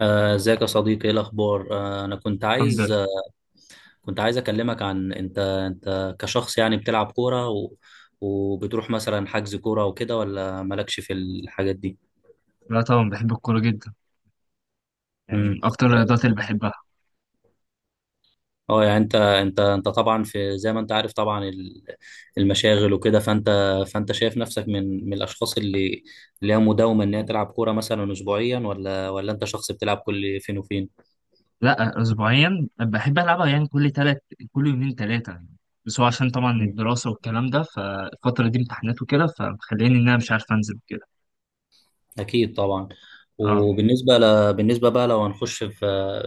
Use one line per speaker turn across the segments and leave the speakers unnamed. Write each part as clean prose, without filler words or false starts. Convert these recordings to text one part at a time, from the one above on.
ازيك يا صديقي، ايه الاخبار؟ انا كنت
الحمد
عايز،
لله.
كنت عايز اكلمك. عن انت انت كشخص يعني بتلعب كوره، و... وبتروح مثلا حجز كوره وكده، ولا مالكش في الحاجات دي؟
لا طبعا بحب الكورة جدا، يعني
امم
من أكتر الرياضات اللي بحبها.
اه يعني انت طبعا، في زي ما انت عارف طبعا المشاغل وكده، فانت شايف نفسك من الاشخاص اللي هي مداومه ان هي تلعب كوره مثلا اسبوعيا، ولا انت شخص بتلعب كل فين وفين؟
لا أسبوعيا بحب ألعبها، يعني كل تلات، كل يومين تلاتة يعني. بس هو عشان طبعا الدراسة والكلام ده، فالفترة دي امتحانات وكده فمخليني إن أنا مش عارف أنزل كده.
اكيد طبعا.
اه،
بالنسبه بقى، لو هنخش في،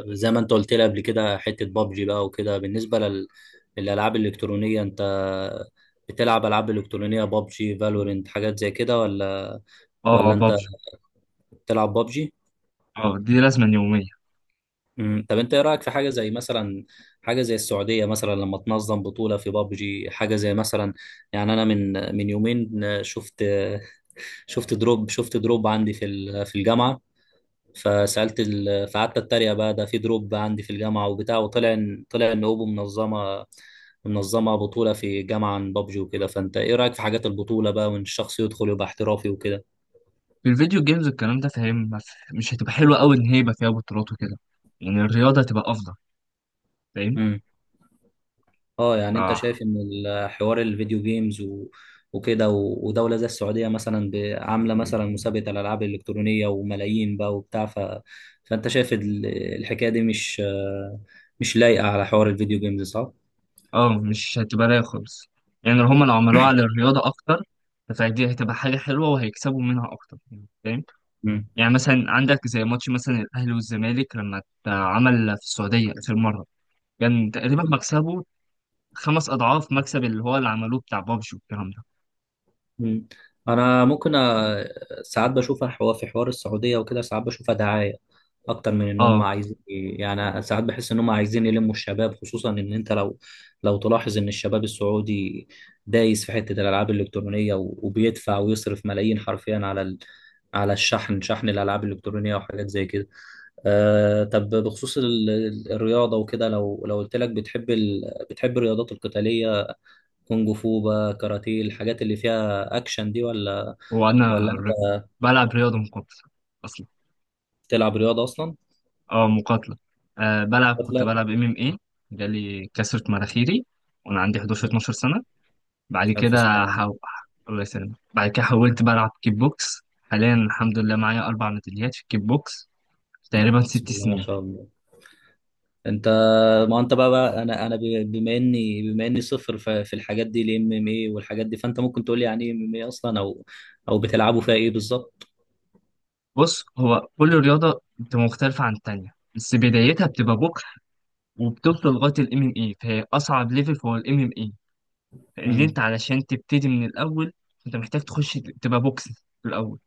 زي ما انت قلت لي قبل كده، حته بابجي بقى وكده، للالعاب الالكترونيه، انت بتلعب العاب الكترونيه بابجي فالورنت حاجات زي كده، ولا
اه،
ولا انت
بابجي.
بتلعب بابجي؟
اه دي لازمة يومية.
امم. طب انت ايه رايك في حاجه زي مثلا، حاجه زي السعوديه مثلا لما تنظم بطوله في بابجي حاجه زي مثلا، يعني انا من يومين شفت شفت شفت دروب عندي في في الجامعه، فقعدت اتريق بقى، ده في دروب عندي في الجامعه وبتاع، وطلع ان طلع ان اوبو منظمه بطوله في جامعه عن بابجي وكده. فانت ايه رايك في حاجات البطوله بقى، وان الشخص يدخل يبقى احترافي وكده؟
في الفيديو جيمز والكلام ده، فاهم، ما في- مش هتبقى حلوة أوي إن هي يبقى فيها بطولات وكده، يعني الرياضة هتبقى أفضل، فاهم.
امم. اه يعني انت
آه.
شايف ان حوار الفيديو جيمز وكده ودوله زي السعوديه مثلا عامله مثلا مسابقه الالعاب الالكترونيه وملايين بقى وبتاع، فانت شايف الحكايه دي مش لايقه على حوار الفيديو جيمز، صح؟
اه مش هتبقى رايقة خالص، يعني لو هما لو عملوها على الرياضة أكتر فدي هتبقى حاجة حلوة وهيكسبوا منها أكتر، يعني فاهم. يعني مثلا عندك زي ماتش مثلا الأهلي والزمالك لما اتعمل في السعودية آخر مرة، كان تقريبا مكسبه خمس أضعاف مكسب اللي هو اللي عملوه بتاع بابجي والكلام ده.
مم. انا ممكن ساعات بشوفها حوار، في حوار السعوديه وكده ساعات بشوفها دعايه اكتر من ان هم
اه.
عايزين، يعني ساعات بحس ان هم عايزين يلموا الشباب، خصوصا ان انت لو، لو تلاحظ ان الشباب السعودي دايس في حته الالعاب الالكترونيه، وبيدفع ويصرف ملايين حرفيا على الشحن، شحن الالعاب الالكترونيه وحاجات زي كده. أه، طب بخصوص الرياضه وكده، لو قلت لك، بتحب الرياضات القتاليه، كونج فو بقى، كاراتيه، الحاجات اللي فيها اكشن دي، ولا
وأنا
ولا انت
رف- بلعب رياضة مقاتلة أصلا.
بتلعب رياضه اصلا؟
اه مقاتلة. آه بلعب، كنت
لا،
بلعب ام ام ايه. جالي كسرة مناخيري وأنا عندي 11 12 سنة. بعد
الف
كده
سلامه
حو...
عليك.
الله يسلمك. بعد كده حولت بقى ألعب كيك بوكس. حاليا الحمد لله معايا أربع ميداليات في الكيك بوكس في تقريبا
بسم
ست
الله ما
سنين.
شاء الله. انت، ما انت بقى، انا بما اني صفر في الحاجات دي، الام ام اي والحاجات دي، فانت ممكن تقول لي يعني ايه ام ام اي اصلا، او بتلعبوا فيها ايه بالظبط؟
بص هو كل رياضة بتبقى مختلفة عن التانية، بس بدايتها بتبقى بوكس، وبتوصل لغاية ال MMA، فهي أصعب ليفل هو ال MMA. لأن
امم.
أنت علشان تبتدي من الأول، أنت محتاج تخش تبقى بوكس في الأول،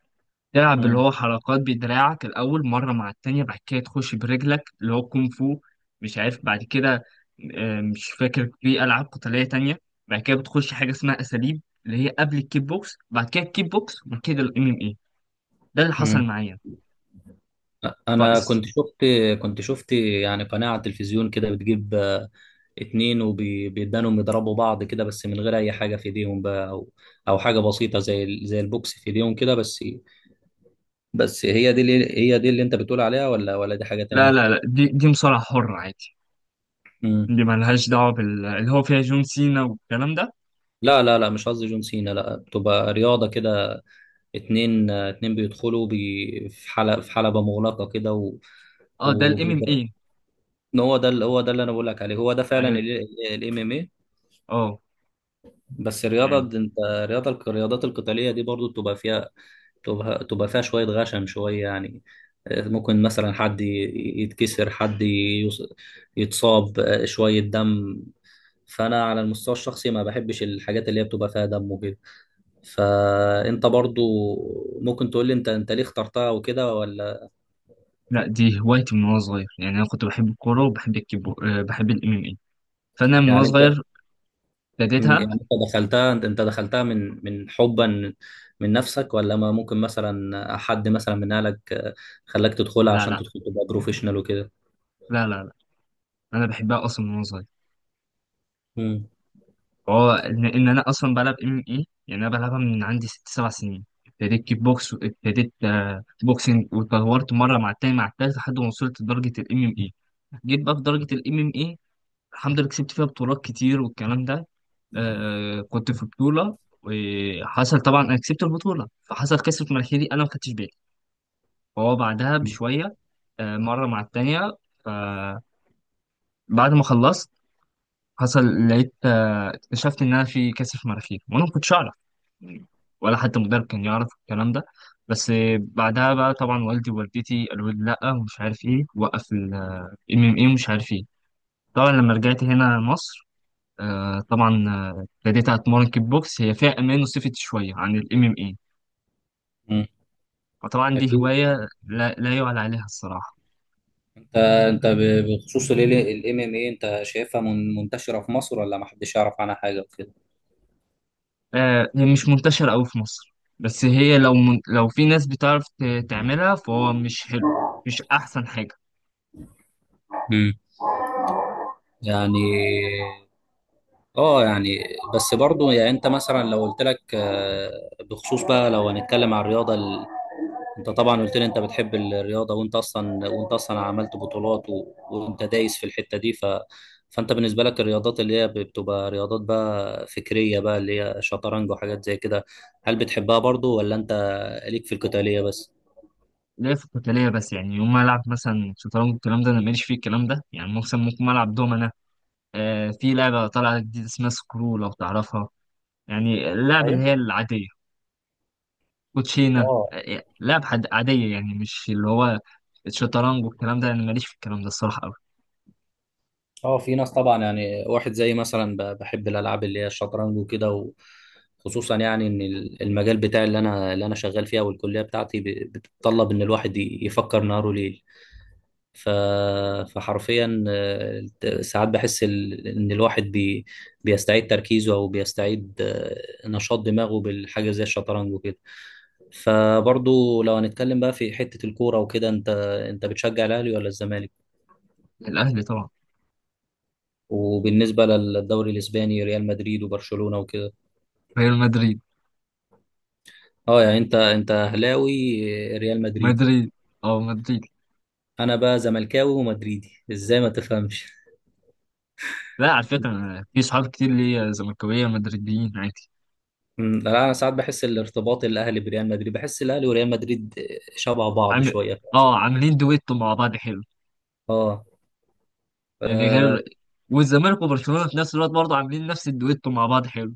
تلعب اللي هو حركات بدراعك الأول مرة مع التانية، بعد كده تخش برجلك اللي هو كونغ فو. مش عارف بعد كده، مش فاكر في ألعاب قتالية تانية. بعد كده بتخش حاجة اسمها أساليب اللي هي قبل الكيك بوكس، بعد كده الكيك بوكس، وبعد كده الام ام اي. ده اللي حصل
امم.
معايا.
انا
فاس.
كنت شفت، كنت شفت يعني قناه على التلفزيون كده، بتجيب اتنين وبيدانهم يضربوا بعض كده، بس من غير اي حاجه في ايديهم بقى، او حاجه بسيطه زي زي البوكس في ايديهم كده بس. بس هي دي، اللي هي دي اللي انت بتقول عليها، ولا دي حاجه
لا لا
تانية؟
لا، دي مصارعة حرة عادي.
امم.
دي مالهاش دعوة بال اللي هو فيها جون سينا والكلام ده.
لا لا لا، مش قصدي جون سينا، لا بتبقى رياضه كده، اتنين، اتنين بيدخلوا بي في حلبه، في حلبه مغلقه كده، و
اه ده الام ام اي.
وبيضرب هو ده اللي انا بقول لك عليه، هو ده فعلا
ايوه.
الام ام اي.
اه
بس الرياضة
يعني.
د- انت الرياضة الرياضات القتالية دي برضو بتبقى فيها، تبقى فيها شوية غشم شوية يعني، ممكن مثلا حد يتكسر، حد يتصاب، شوية دم. فأنا على المستوى الشخصي ما بحبش الحاجات اللي هي بتبقى فيها دم وكده. فأنت برضو ممكن تقول لي، أنت ليه اخترتها وكده ولا،
لا دي هوايتي من وانا صغير، يعني انا كنت بحب الكورة وبحب الكيك بوكس، بحب الام ام اي. فانا من وانا
يعني أنت؟
صغير
مم،
ابتديتها.
يعني انت دخلتها، دخلتها من حبا من نفسك، ولا ما ممكن مثلا حد مثلا من اهلك، خلاك تدخلها
لا
عشان
لا
تدخل تبقى بروفيشنال وكده؟
لا، لا لا، انا بحبها اصلا من وانا صغير.
مم.
إن انا اصلا بلعب ام اي، يعني انا بلعبها من عندي ست سبع سنين. ابتديت كيك بوكس وابتديت بوكسنج، واتطورت مره مع التاني مع التالت لحد ما وصلت لدرجه الام ام اي. جيت بقى في درجه الام ام اي، الحمد لله كسبت فيها بطولات كتير والكلام ده. آه كنت في بطوله، وحصل طبعا انا كسبت البطوله، فحصل كسر في مناخيري انا ما خدتش بالي. فهو بعدها بشويه، آه مره مع التانيه، ف بعد ما خلصت حصل، لقيت، اكتشفت ان انا في كاسف مناخير وانا ما كنتش اعرف يعني، ولا حتى المدرب كان يعرف الكلام ده. بس بعدها بقى طبعا والدي ووالدتي قالوا لي لا ومش عارف ايه، وقف الام ام اي ومش عارف ايه. طبعا لما رجعت هنا مصر، طبعا ابتديت اتمرن كيك بوكس، هي فيها امان وسيفتي شويه عن الام ام اي.
مم.
وطبعا دي
اكيد.
هوايه لا يعلى عليها الصراحه.
انت بخصوص الام ام اي، انت شايفها منتشره في مصر، ولا ما حدش يعرف عنها حاجه وكده؟
هي مش منتشره قوي في مصر. بس هي لو من... لو في ناس بتعرف تعملها فهو مش حلو، مش احسن حاجه.
مم. يعني اه يعني، بس برضو يعني انت مثلا لو قلت لك بخصوص بقى، لو هنتكلم عن الرياضه، انت طبعا قلت لي انت بتحب الرياضه، وانت اصلا عملت بطولات، وانت دايس في الحته دي، فانت بالنسبه لك الرياضات اللي هي بتبقى رياضات بقى فكريه بقى، اللي هي شطرنج وحاجات زي كده، هل بتحبها برضو، ولا انت ليك في القتاليه بس؟
ليا في القتالية بس، يعني يوم ما ألعب مثلا شطرنج والكلام ده أنا ماليش فيه، الكلام ده يعني مثلا ممكن ألعب دومنا. آه في لعبة طالعة جديدة اسمها سكرو لو تعرفها، يعني اللعب اللي
ايوه.
هي العادية، كوتشينة،
اه
آه لعب حد عادية، يعني مش اللي هو الشطرنج والكلام ده أنا ماليش في الكلام ده الصراحة أوي.
اه، في ناس طبعا يعني واحد زي مثلا بحب الالعاب اللي هي الشطرنج وكده، وخصوصا يعني ان المجال بتاعي اللي انا شغال فيها، والكليه بتاعتي بتتطلب ان الواحد يفكر نهاره ليل، ف... فحرفيا ساعات بحس ان الواحد بيستعيد تركيزه، او بيستعيد نشاط دماغه بالحاجه زي الشطرنج وكده. فبرضو لو هنتكلم بقى في حته الكوره وكده، انت بتشجع الاهلي ولا الزمالك؟
الأهلي طبعا.
وبالنسبه للدوري الاسباني، ريال مدريد وبرشلونه وكده؟
ريال مدريد.
اه يعني انت اهلاوي، ريال مدريدي.
مدريد. أه مدريد.
انا بقى زملكاوي ومدريدي، ازاي ما تفهمش.
لا على فكرة أنا في صحاب كتير ليا زملكاوية مدريديين عادي.
مم، لا انا ساعات بحس الارتباط الاهلي بريال مدريد، بحس الاهلي وريال مدريد شبه بعض
عامل،
شويه.
أه عاملين دويتو مع بعض حلو.
اه.
يعني
آه،
غير، والزمالك وبرشلونه في نفس الوقت برضه عاملين نفس الدويتو مع بعض حلو.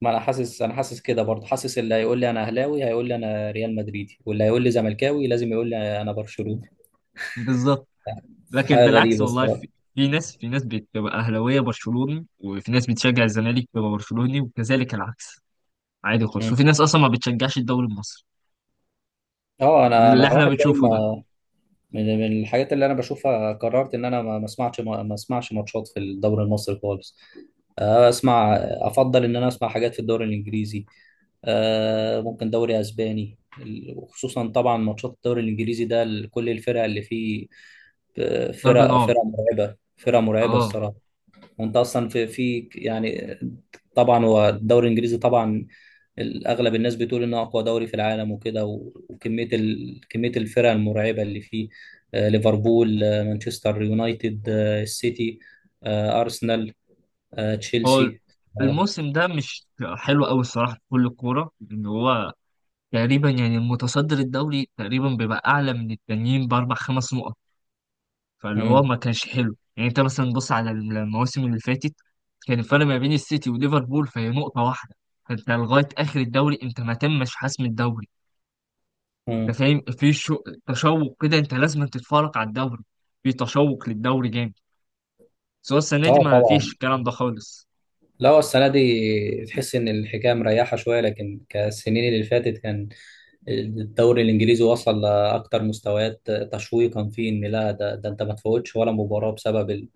ما انا حاسس، انا حاسس كده برضه، حاسس اللي هيقول لي انا اهلاوي هيقول لي انا ريال مدريدي، واللي هيقول لي زملكاوي لازم يقول لي انا برشلوني.
بالظبط. لكن
حاجه
بالعكس
غريبه
والله، في,
الصراحه.
في ناس، في ناس بتبقى اهلاويه برشلوني، وفي ناس بتشجع الزمالك بتبقى برشلوني، وكذلك العكس. عادي خالص،
مم.
وفي ناس اصلا ما بتشجعش الدوري المصري
اه، انا
اللي
انا
احنا
واحد زي
بنشوفه ده.
ما، من الحاجات اللي انا بشوفها، قررت ان انا ما اسمعش ماتشات في الدوري المصري خالص، آه، اسمع افضل ان انا اسمع حاجات في الدوري الانجليزي، ممكن دوري اسباني وخصوصا طبعا ماتشات الدوري الانجليزي ده، كل الفرق اللي فيه،
ضرب
فرق
نار.
فرق مرعبه فرق مرعبه
اه.
الصراحه. وانت اصلا في في يعني، طبعا هو الدوري الانجليزي طبعا اغلب الناس بتقول انه اقوى دوري في العالم وكده، وكميه كميه الفرق المرعبه اللي فيه، ليفربول، مانشستر يونايتد، السيتي، ارسنال،
هو
تشيلسي. اه.
الموسم ده مش حلو قوي الصراحه في كل الكوره، ان هو تقريبا يعني المتصدر الدوري تقريبا بيبقى اعلى من التانيين باربع خمس نقط. فاللي هو
مم،
ما كانش حلو، يعني انت مثلا بص على المواسم اللي فاتت، كان الفرق ما بين السيتي وليفربول فهي نقطة واحدة. فانت لغاية آخر الدوري انت ما تمش حسم الدوري. انت
مم.
فاهم في شو... تشوق كده، انت لازم تتفرج على الدوري، في تشوق للدوري جامد. بس هو السنة دي ما فيش
طبعا.
الكلام ده خالص.
لا هو السنة دي تحس إن الحكاية مريحة شوية، لكن كالسنين اللي فاتت كان الدوري الإنجليزي وصل لأكتر مستويات تشويقا فيه، إن لا ده أنت ما تفوتش ولا مباراة بسبب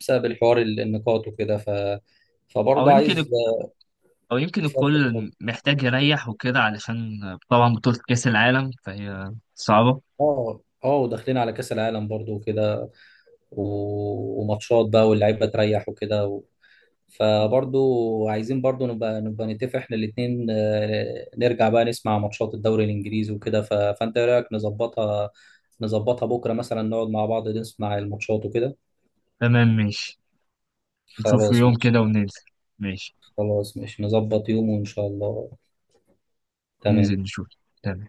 بسبب الحوار النقاط وكده،
او
فبرضه
يمكن
عايز.
او يمكن
اتفضل
الكل
اتفضل.
محتاج يريح وكده، علشان طبعا بطولة كأس العالم فهي صعبة.
اه اه، وداخلين على كأس العالم برضه وكده، و... وماتشات بقى، واللعيبة تريح وكده. فبرضو عايزين برضو نبقى نتفق احنا الاتنين، نرجع بقى نسمع ماتشات الدوري الانجليزي وكده. فانت ايه رايك نظبطها، بكره مثلا نقعد مع بعض نسمع الماتشات وكده؟
تمام ماشي. نشوف
خلاص
يوم كده
ماشي.
وننزل. ماشي.
خلاص ماشي، نظبط يوم وان شاء الله.
ننزل
تمام.
نشوف. تمام.